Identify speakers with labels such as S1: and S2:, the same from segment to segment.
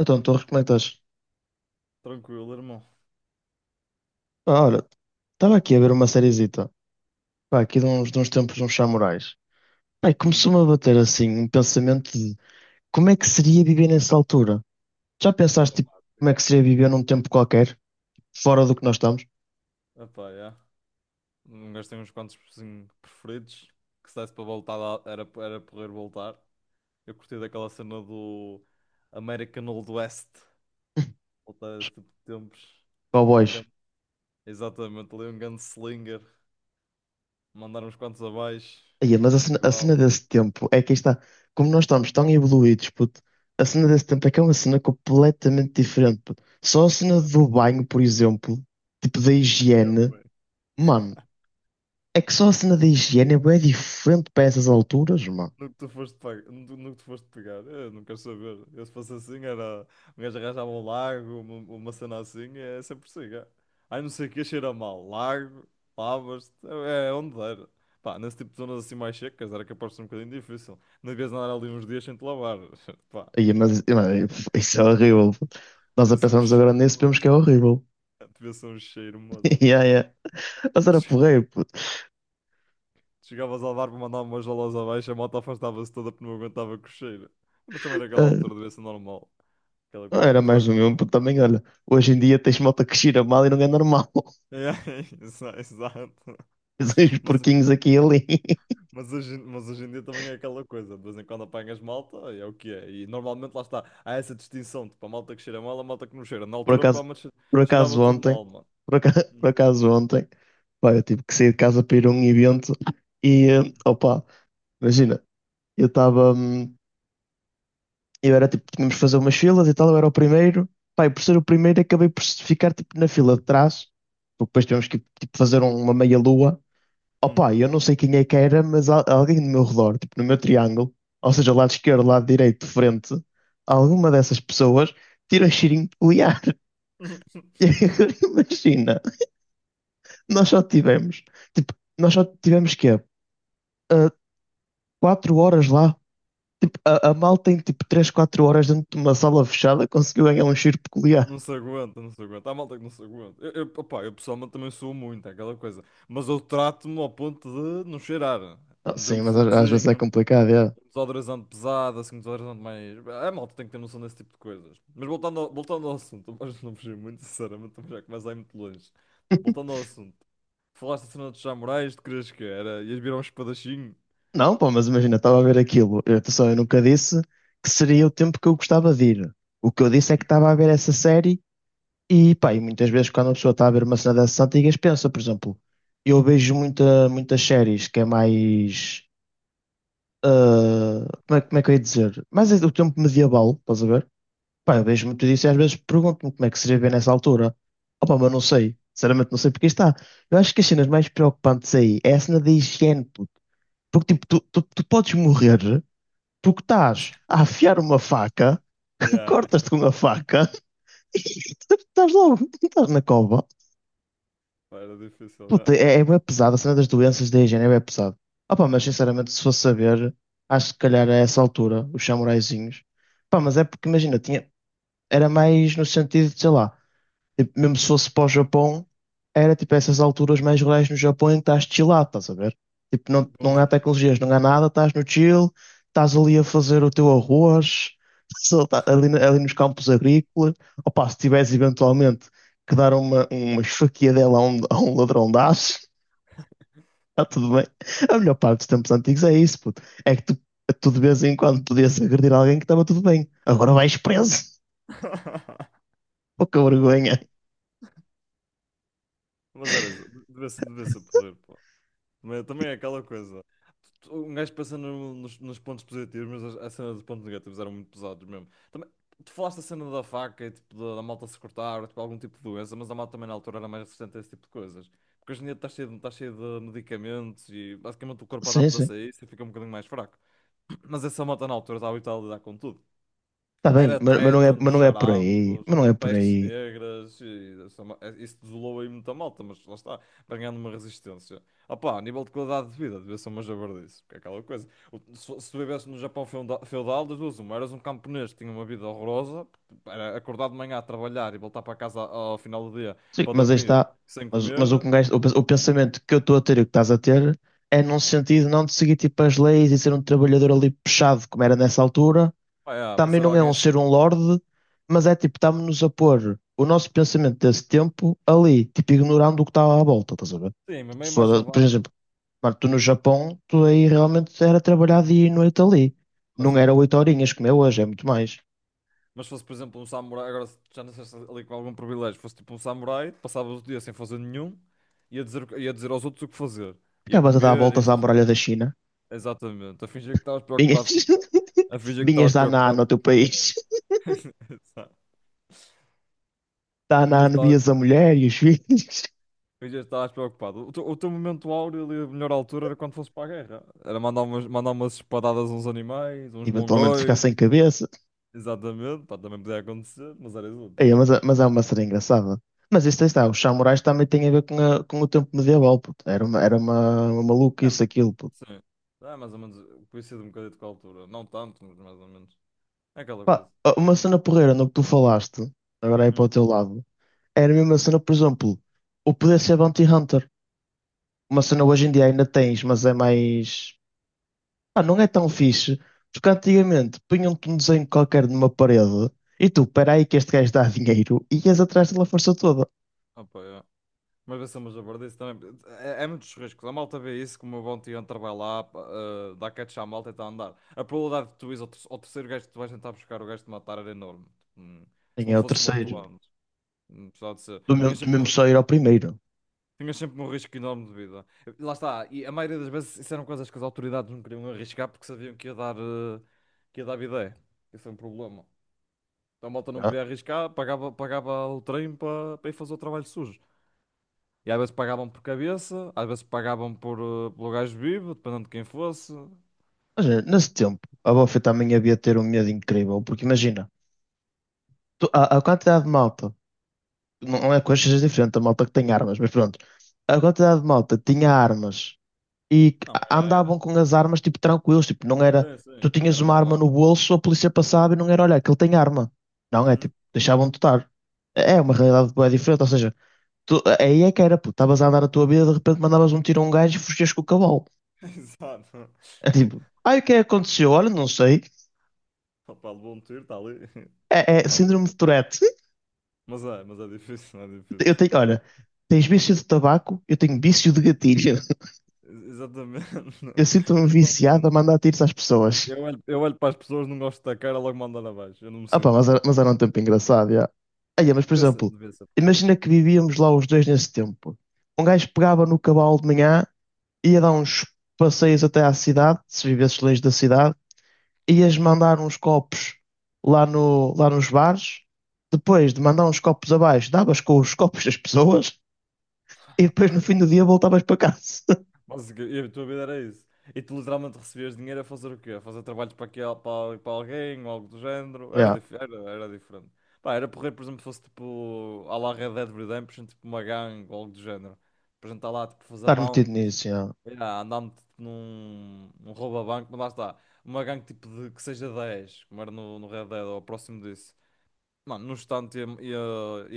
S1: Então, tu recomendas.
S2: Tranquilo, irmão.
S1: Ah, olha, estava aqui a ver uma seriezita. Pá, aqui de uns tempos, uns samurais. Pá, e
S2: Hum,
S1: começou-me a bater assim um pensamento de como é que seria viver nessa altura? Já pensaste, tipo, como é que
S2: dramático.
S1: seria viver num tempo qualquer, fora do que nós estamos?
S2: Epá, yeah. Um gajo uns quantos assim, preferidos que se desse para voltar lá, era poder voltar. Eu curti daquela cena do American Old West. Voltar a esse tipo de tempos. Ali um
S1: Cowboys.
S2: grande- Exatamente, ali um gunslinger. Mandar uns quantos abaixo.
S1: Aí,
S2: Assim,
S1: mas
S2: um
S1: a cena
S2: festival.
S1: desse tempo é que aí está. Como nós estamos tão evoluídos, puto, a cena desse tempo é que é uma cena completamente diferente, puto. Só a cena
S2: É.
S1: do banho, por exemplo, tipo da
S2: É
S1: higiene,
S2: bué.
S1: mano. É que só a cena da higiene é bué diferente para essas alturas, mano.
S2: No que tu foste, pe- No que tu foste pegar, eu não quero saber. Se fosse assim, era um gajo, arranjava um largo, uma cena assim, é sempre assim. É. Ai, não sei o que, cheira mal. Largo, lavas-te, é onde der. Pá, nesse tipo de zonas assim mais secas, era capaz de ser um bocadinho difícil. Não devias andar ali uns dias sem te lavar. Pá,
S1: Aí, mas, mano, isso é horrível, puto. Nós a
S2: devia ser um
S1: pensarmos agora
S2: cheiro,
S1: nisso, vemos
S2: moço.
S1: que é horrível.
S2: Devia ser um cheiro, moço.
S1: Yeah, yeah. Mas
S2: Tu
S1: era
S2: che-
S1: porreiro, puto.
S2: tu Chegavas a levar para mandar umas jalas abaixo, a moto afastava-se toda porque não aguentava com o cheiro. Mas também naquela
S1: Ah,
S2: altura devia ser normal aquela
S1: era
S2: coisa.
S1: mais do mesmo, puto. Também, olha, hoje em dia tens malta que cheira mal e não é normal.
S2: É, exato.
S1: Tens uns
S2: Mas,
S1: porquinhos aqui e ali.
S2: mas hoje em dia também é aquela coisa, de vez em quando apanhas malta e é o que é. E normalmente lá está, há essa distinção, tipo, a malta que cheira mal, a malta que não cheira. Na
S1: Por
S2: altura
S1: acaso,
S2: provavelmente
S1: por
S2: cheirava
S1: acaso
S2: tudo
S1: ontem,
S2: mal, mano.
S1: por acaso,
S2: Hum,
S1: por acaso ontem, pá, eu tive que sair de casa para ir a um evento e, opa, imagina, eu estava. Eu era tipo, tínhamos de fazer umas filas e tal, eu era o primeiro. Pá, e por ser o primeiro, acabei por ficar tipo na fila de trás, porque depois tivemos que tipo, fazer uma meia-lua.
S2: hum.
S1: Opa, eu não sei quem é que era, mas alguém do meu redor, tipo no meu triângulo, ou seja, lado esquerdo, lado direito, frente, alguma dessas pessoas tira cheirinho peculiar. E agora imagina, nós só tivemos, tipo, nós só tivemos quê? Ah, 4 horas lá. Tipo, a malta em tipo 3 4 horas dentro de uma sala fechada conseguiu ganhar um cheiro peculiar.
S2: Não se aguenta, não se aguenta. Há malta que não se aguenta. Opá, eu pessoalmente também sou muito, é aquela coisa. Mas eu trato-me ao ponto de não cheirar.
S1: Ah,
S2: De
S1: sim,
S2: um
S1: mas às vezes é
S2: perfumezinho.
S1: complicado. É.
S2: Desodorizante pesado, assim, um desodorizante mais. A malta tem que ter noção desse tipo de coisas. Mas voltando ao assunto, mas não fugi muito, sinceramente, também já começa a ir muito longe. Voltando ao assunto, falaste da cena dos samurais, tu querias que era? Ias virar um espadachim?
S1: Não, pô, mas imagina, estava a ver aquilo. Eu, atenção, eu nunca disse que seria o tempo que eu gostava de ir. O que eu disse é que estava a ver essa série e, pá, e muitas vezes quando uma pessoa está a ver uma cena dessas antigas, pensa, por exemplo, eu vejo muitas séries que é mais. Como é que eu ia dizer? Mais o tempo medieval, estás a ver? Pá, eu vejo muito disso e às vezes pergunto-me como é que seria ver nessa altura. Opa, mas não
S2: Hum.
S1: sei. Sinceramente, não sei porque está. Eu acho que as cenas mais preocupantes aí é a cena da higiene. Porque tipo, tu podes morrer porque estás a afiar uma faca,
S2: Yeah, yeah.
S1: cortas-te com a faca e estás logo, estás na cova.
S2: Pá, era difícil, yeah.
S1: Puta, é bem pesado, a cena das doenças da higiene é bem pesado. Opa, mas sinceramente, se fosse saber, acho que se calhar a essa altura, os samuraizinhos. Pá, mas é porque imagina, era mais no sentido de, sei lá, tipo, mesmo se fosse para o Japão, era tipo essas alturas mais rurais no Japão em que estás chillado, estás a ver? Tipo, não,
S2: Bom,
S1: não
S2: já-
S1: há tecnologias, não há nada, estás no chill, estás ali a fazer o teu arroz, só ali nos campos agrícolas. Opa, se tiveres eventualmente que dar uma esfaquiadela a um ladrão de aço, está tudo bem. A melhor parte dos tempos antigos é isso, puto. É que tu, tu de vez em quando podias agredir alguém que estava tudo bem. Agora vais preso. Pouca vergonha.
S2: Mas era isso, devia ser porreiro. Mas também é aquela coisa. Um gajo pensa nos pontos positivos, mas a cena dos pontos negativos eram muito pesados mesmo. Também, tu falaste a cena da faca e tipo, da malta se cortar, tipo, algum tipo de doença, mas a malta também na altura era mais resistente a esse tipo de coisas. Porque hoje em dia está cheio, está cheio de medicamentos e basicamente o corpo
S1: Sim, sim.
S2: adapta-se a isso e fica um bocadinho mais fraco. Mas essa malta na altura estava habituada a lidar com tudo.
S1: Está bem,
S2: Era tétanos,
S1: mas não é por aí.
S2: charampos,
S1: Mas não é por
S2: pestes
S1: aí.
S2: negras, e essa isso desolou aí muita malta, mas lá está, vai ganhando uma resistência. Opá, a nível de qualidade de vida, devia ser uma jabardice, porque é aquela coisa. Se tu vivesse no Japão feudal, das duas uma, eras um camponês que tinha uma vida horrorosa, era acordar de manhã a trabalhar e voltar para casa ao final do dia
S1: Sim,
S2: para
S1: mas aí
S2: dormir
S1: está.
S2: sem
S1: Mas o, que
S2: comer,
S1: um gajo- o, pens- o pensamento que eu estou a ter e o que estás a ter é num sentido não de seguir tipo as leis e ser um trabalhador ali puxado, como era nessa altura.
S2: pá, é, para
S1: Também
S2: ser
S1: não é
S2: alguém
S1: um
S2: assim,
S1: ser um lorde, mas é tipo, estamos-nos a pôr o nosso pensamento desse tempo ali, tipo, ignorando o que estava à volta, estás a ver?
S2: sim, mas meio mais
S1: Por
S2: javarde.
S1: exemplo, mano, tu no Japão, tu aí realmente era trabalhar dia e noite ali. Não era 8 horinhas como é hoje, é muito mais.
S2: Mas se fosse, por exemplo, um samurai, agora se já nasceste ali com algum privilégio, fosse tipo um samurai, passavas o dia sem fazer nenhum, ia dizer, ia dizer aos outros o que fazer. Ia
S1: Acabas a dar
S2: comer, ia
S1: voltas à
S2: fazer...
S1: muralha da China.
S2: Exatamente, a fingir que estavas
S1: Vinhas,
S2: preocupado com... A fingir que
S1: vinhas
S2: estavas
S1: dar na
S2: preocupado
S1: no teu país.
S2: com... Exato.
S1: Dá na
S2: Fingias que
S1: ano,
S2: estavas
S1: vias a mulher e os filhos.
S2: fingias que estavas preocupado. O teu momento áureo ali, a melhor altura era quando fosse para a guerra. Era mandar umas espadadas a uns animais, uns
S1: Eventualmente ficar
S2: mongóis.
S1: sem cabeça.
S2: Exatamente, pá, também podia acontecer, mas era
S1: Ei,
S2: exótico.
S1: mas, mas é uma cena engraçada. Mas isso aí está, os samurais também têm a ver com, com o tempo medieval, puto. Era uma
S2: É,
S1: maluquice aquilo, puto.
S2: sim. É mais ou menos. Coincide um bocadinho com a altura. Não tanto, mas mais ou menos. É aquela
S1: Pá,
S2: coisa.
S1: uma cena porreira no que tu falaste, agora aí para o
S2: Hum.
S1: teu lado, era a mesma cena, por exemplo, o poder ser bounty hunter. Uma cena hoje em dia ainda tens, mas é mais, ah, não é tão fixe, porque antigamente punham-te um desenho qualquer numa parede e tu, peraí que este gajo dá dinheiro e ias atrás dele a força toda.
S2: Opa, é. Mas vai ser uma jabardice também. É, é muitos riscos. A malta vê isso como o bom hunter vai lá, pá, eh, dá catch à malta e está a andar. A probabilidade de tu ires ao terceiro gajo que tu vais tentar buscar, o gajo de matar era enorme. Hum. Se
S1: Nem
S2: não
S1: é o
S2: fosses morto
S1: terceiro. Hum.
S2: antes. Apesar de ser.
S1: Tu mesmo só ir ao primeiro.
S2: Tinhas sempre um risco enorme de vida. Lá está. E a maioria das vezes isso eram coisas que as autoridades não queriam arriscar porque sabiam que ia dar, eh, que ia dar bidé. Isso é um problema. Então a malta não
S1: Já.
S2: queria arriscar, pagava o trem para ir fazer o trabalho sujo. E às vezes pagavam por cabeça, às vezes pagavam por, eh, pelo gajo vivo, dependendo de quem fosse.
S1: Mas nesse tempo, a Buffy também havia de ter um medo incrível, porque imagina, a quantidade de malta, não não é coisas diferentes, a malta que tem armas, mas pronto, a quantidade de malta que tinha armas e
S2: Não, era.
S1: andavam com as armas tipo tranquilos, tipo, não era,
S2: Sim,
S1: tu
S2: sim,
S1: tinhas
S2: era
S1: uma arma
S2: normal.
S1: no bolso, a polícia passava e não era, olha, que ele tem arma. Não, é
S2: Uhum.
S1: tipo, deixavam-te estar. É uma realidade bué diferente, ou seja, tu, aí é que era, pô, estavas a andar a tua vida, de repente mandavas um tiro a um gajo e fugias com o cavalo.
S2: Exato.
S1: É tipo, ai, o que é que aconteceu? Olha, não sei.
S2: Opa, levou um tiro, está ali.
S1: É, é
S2: Está ali.
S1: síndrome de Tourette.
S2: Mas é difícil, é
S1: Eu
S2: difícil.
S1: tenho, olha, tens vício de tabaco, eu tenho vício de gatilho.
S2: Exatamente.
S1: Eu sinto-me
S2: Eu não
S1: viciado a
S2: aguento.
S1: mandar tiros às pessoas.
S2: Eu olho para as pessoas, não gosto da cara, logo mando andar abaixo. Eu não me
S1: Ah pá,
S2: sinto.
S1: mas era um tempo engraçado, já. Aí, mas por
S2: Devia ser,
S1: exemplo,
S2: devia ser.
S1: imagina que vivíamos lá os dois nesse tempo. Um gajo pegava no cavalo de manhã, ia dar uns passeios até à cidade, se vivesses longe da cidade, ias mandar uns copos lá, no, lá nos bares. Depois de mandar uns copos abaixo, davas com os copos das pessoas e depois no fim do dia voltavas para casa.
S2: E a tua vida era isso. E tu literalmente recebias dinheiro a fazer o quê? A fazer trabalhos para, aqui, para alguém ou algo do género.
S1: Yeah,
S2: Era diferente. Pá, era porrer, por exemplo, fosse tipo à la Red Dead Redemption, tipo uma gangue ou algo do género. Por exemplo, estar lá tipo fazer
S1: estar metido
S2: bounties,
S1: nisso, yeah.
S2: yeah, andar-me tipo, num roubo a banco, mas lá está. Uma gangue tipo de que seja 10 como era no, no Red Dead ou próximo disso. Mano, num instante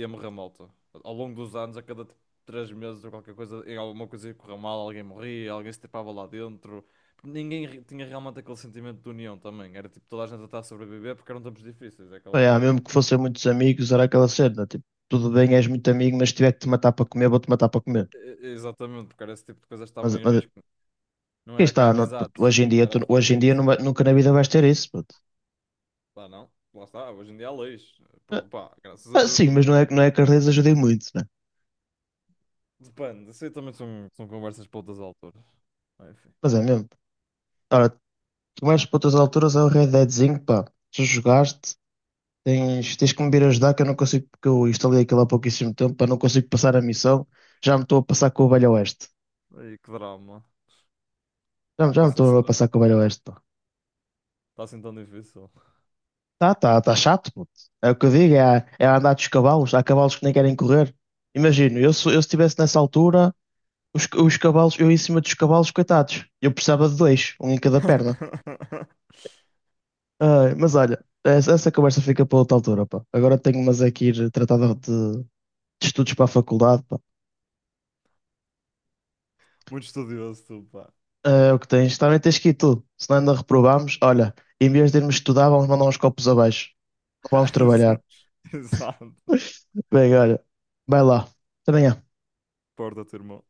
S2: ia morrer malta. Ao longo dos anos, a cada 3 meses ou qualquer coisa, em alguma coisa ia correr mal, alguém morria, alguém se tapava lá dentro. Tinha realmente aquele sentimento de união também. Era tipo toda a gente a estar a sobreviver porque eram tempos difíceis, é
S1: Pá,
S2: aquela
S1: yeah,
S2: coisa.
S1: mesmo que fossem muitos amigos, era aquela cena, tipo, tudo
S2: Uhum.
S1: bem, és muito amigo, mas se tiver que te matar para comer, vou-te matar para comer.
S2: Exatamente, porque era esse tipo de coisas que estavam
S1: Mas,
S2: em
S1: mas
S2: risco. Não
S1: Quem
S2: era
S1: está
S2: cá
S1: puto,
S2: amizades,
S1: hoje em dia,
S2: era a
S1: tu- hoje em dia
S2: sobrevivência.
S1: numa- nunca na vida vais ter isso, puto.
S2: Lá não, lá está, hoje em dia há leis.
S1: Ah,
S2: Pá, graças a
S1: ah,
S2: Deus
S1: sim,
S2: também,
S1: mas não
S2: né?
S1: é, não é que as redes ajudem muito, né?
S2: Depende, isso aí também são, são conversas para outras alturas. Enfim,
S1: Mas é mesmo. Ora, tu mais para outras alturas é o Red Deadzinho, pá. Tu jogaste, tens que me vir ajudar, que eu não consigo, porque eu instalei aquilo há pouquíssimo tempo, pá, não consigo passar a missão. Já me estou a passar com o Velho Oeste.
S2: aí que drama.
S1: Já me
S2: Passa esse
S1: estou a
S2: stress.
S1: passar com o Velho Oeste, pá.
S2: Está assim tão difícil.
S1: Tá chato, puto. É o que eu digo, é a andar dos cavalos. Há cavalos que nem querem correr. Imagino, eu, se eu estivesse nessa altura. Os cavalos, eu em cima dos cavalos, coitados. Eu precisava de dois, um em cada perna. Ai, mas olha, essa conversa fica para outra altura, pá. Agora tenho mas é que ir tratar de estudos para a faculdade, pá.
S2: Muito estudioso, tu, pá.
S1: Ah, é o que tens. Também tens que ir tu. Se não ainda reprovámos, olha, em vez de irmos estudar, vamos mandar uns copos abaixo. Não vamos
S2: Exa-
S1: trabalhar.
S2: Exato.
S1: Bem, olha, vai lá. Até amanhã.
S2: Porta-te, irmão.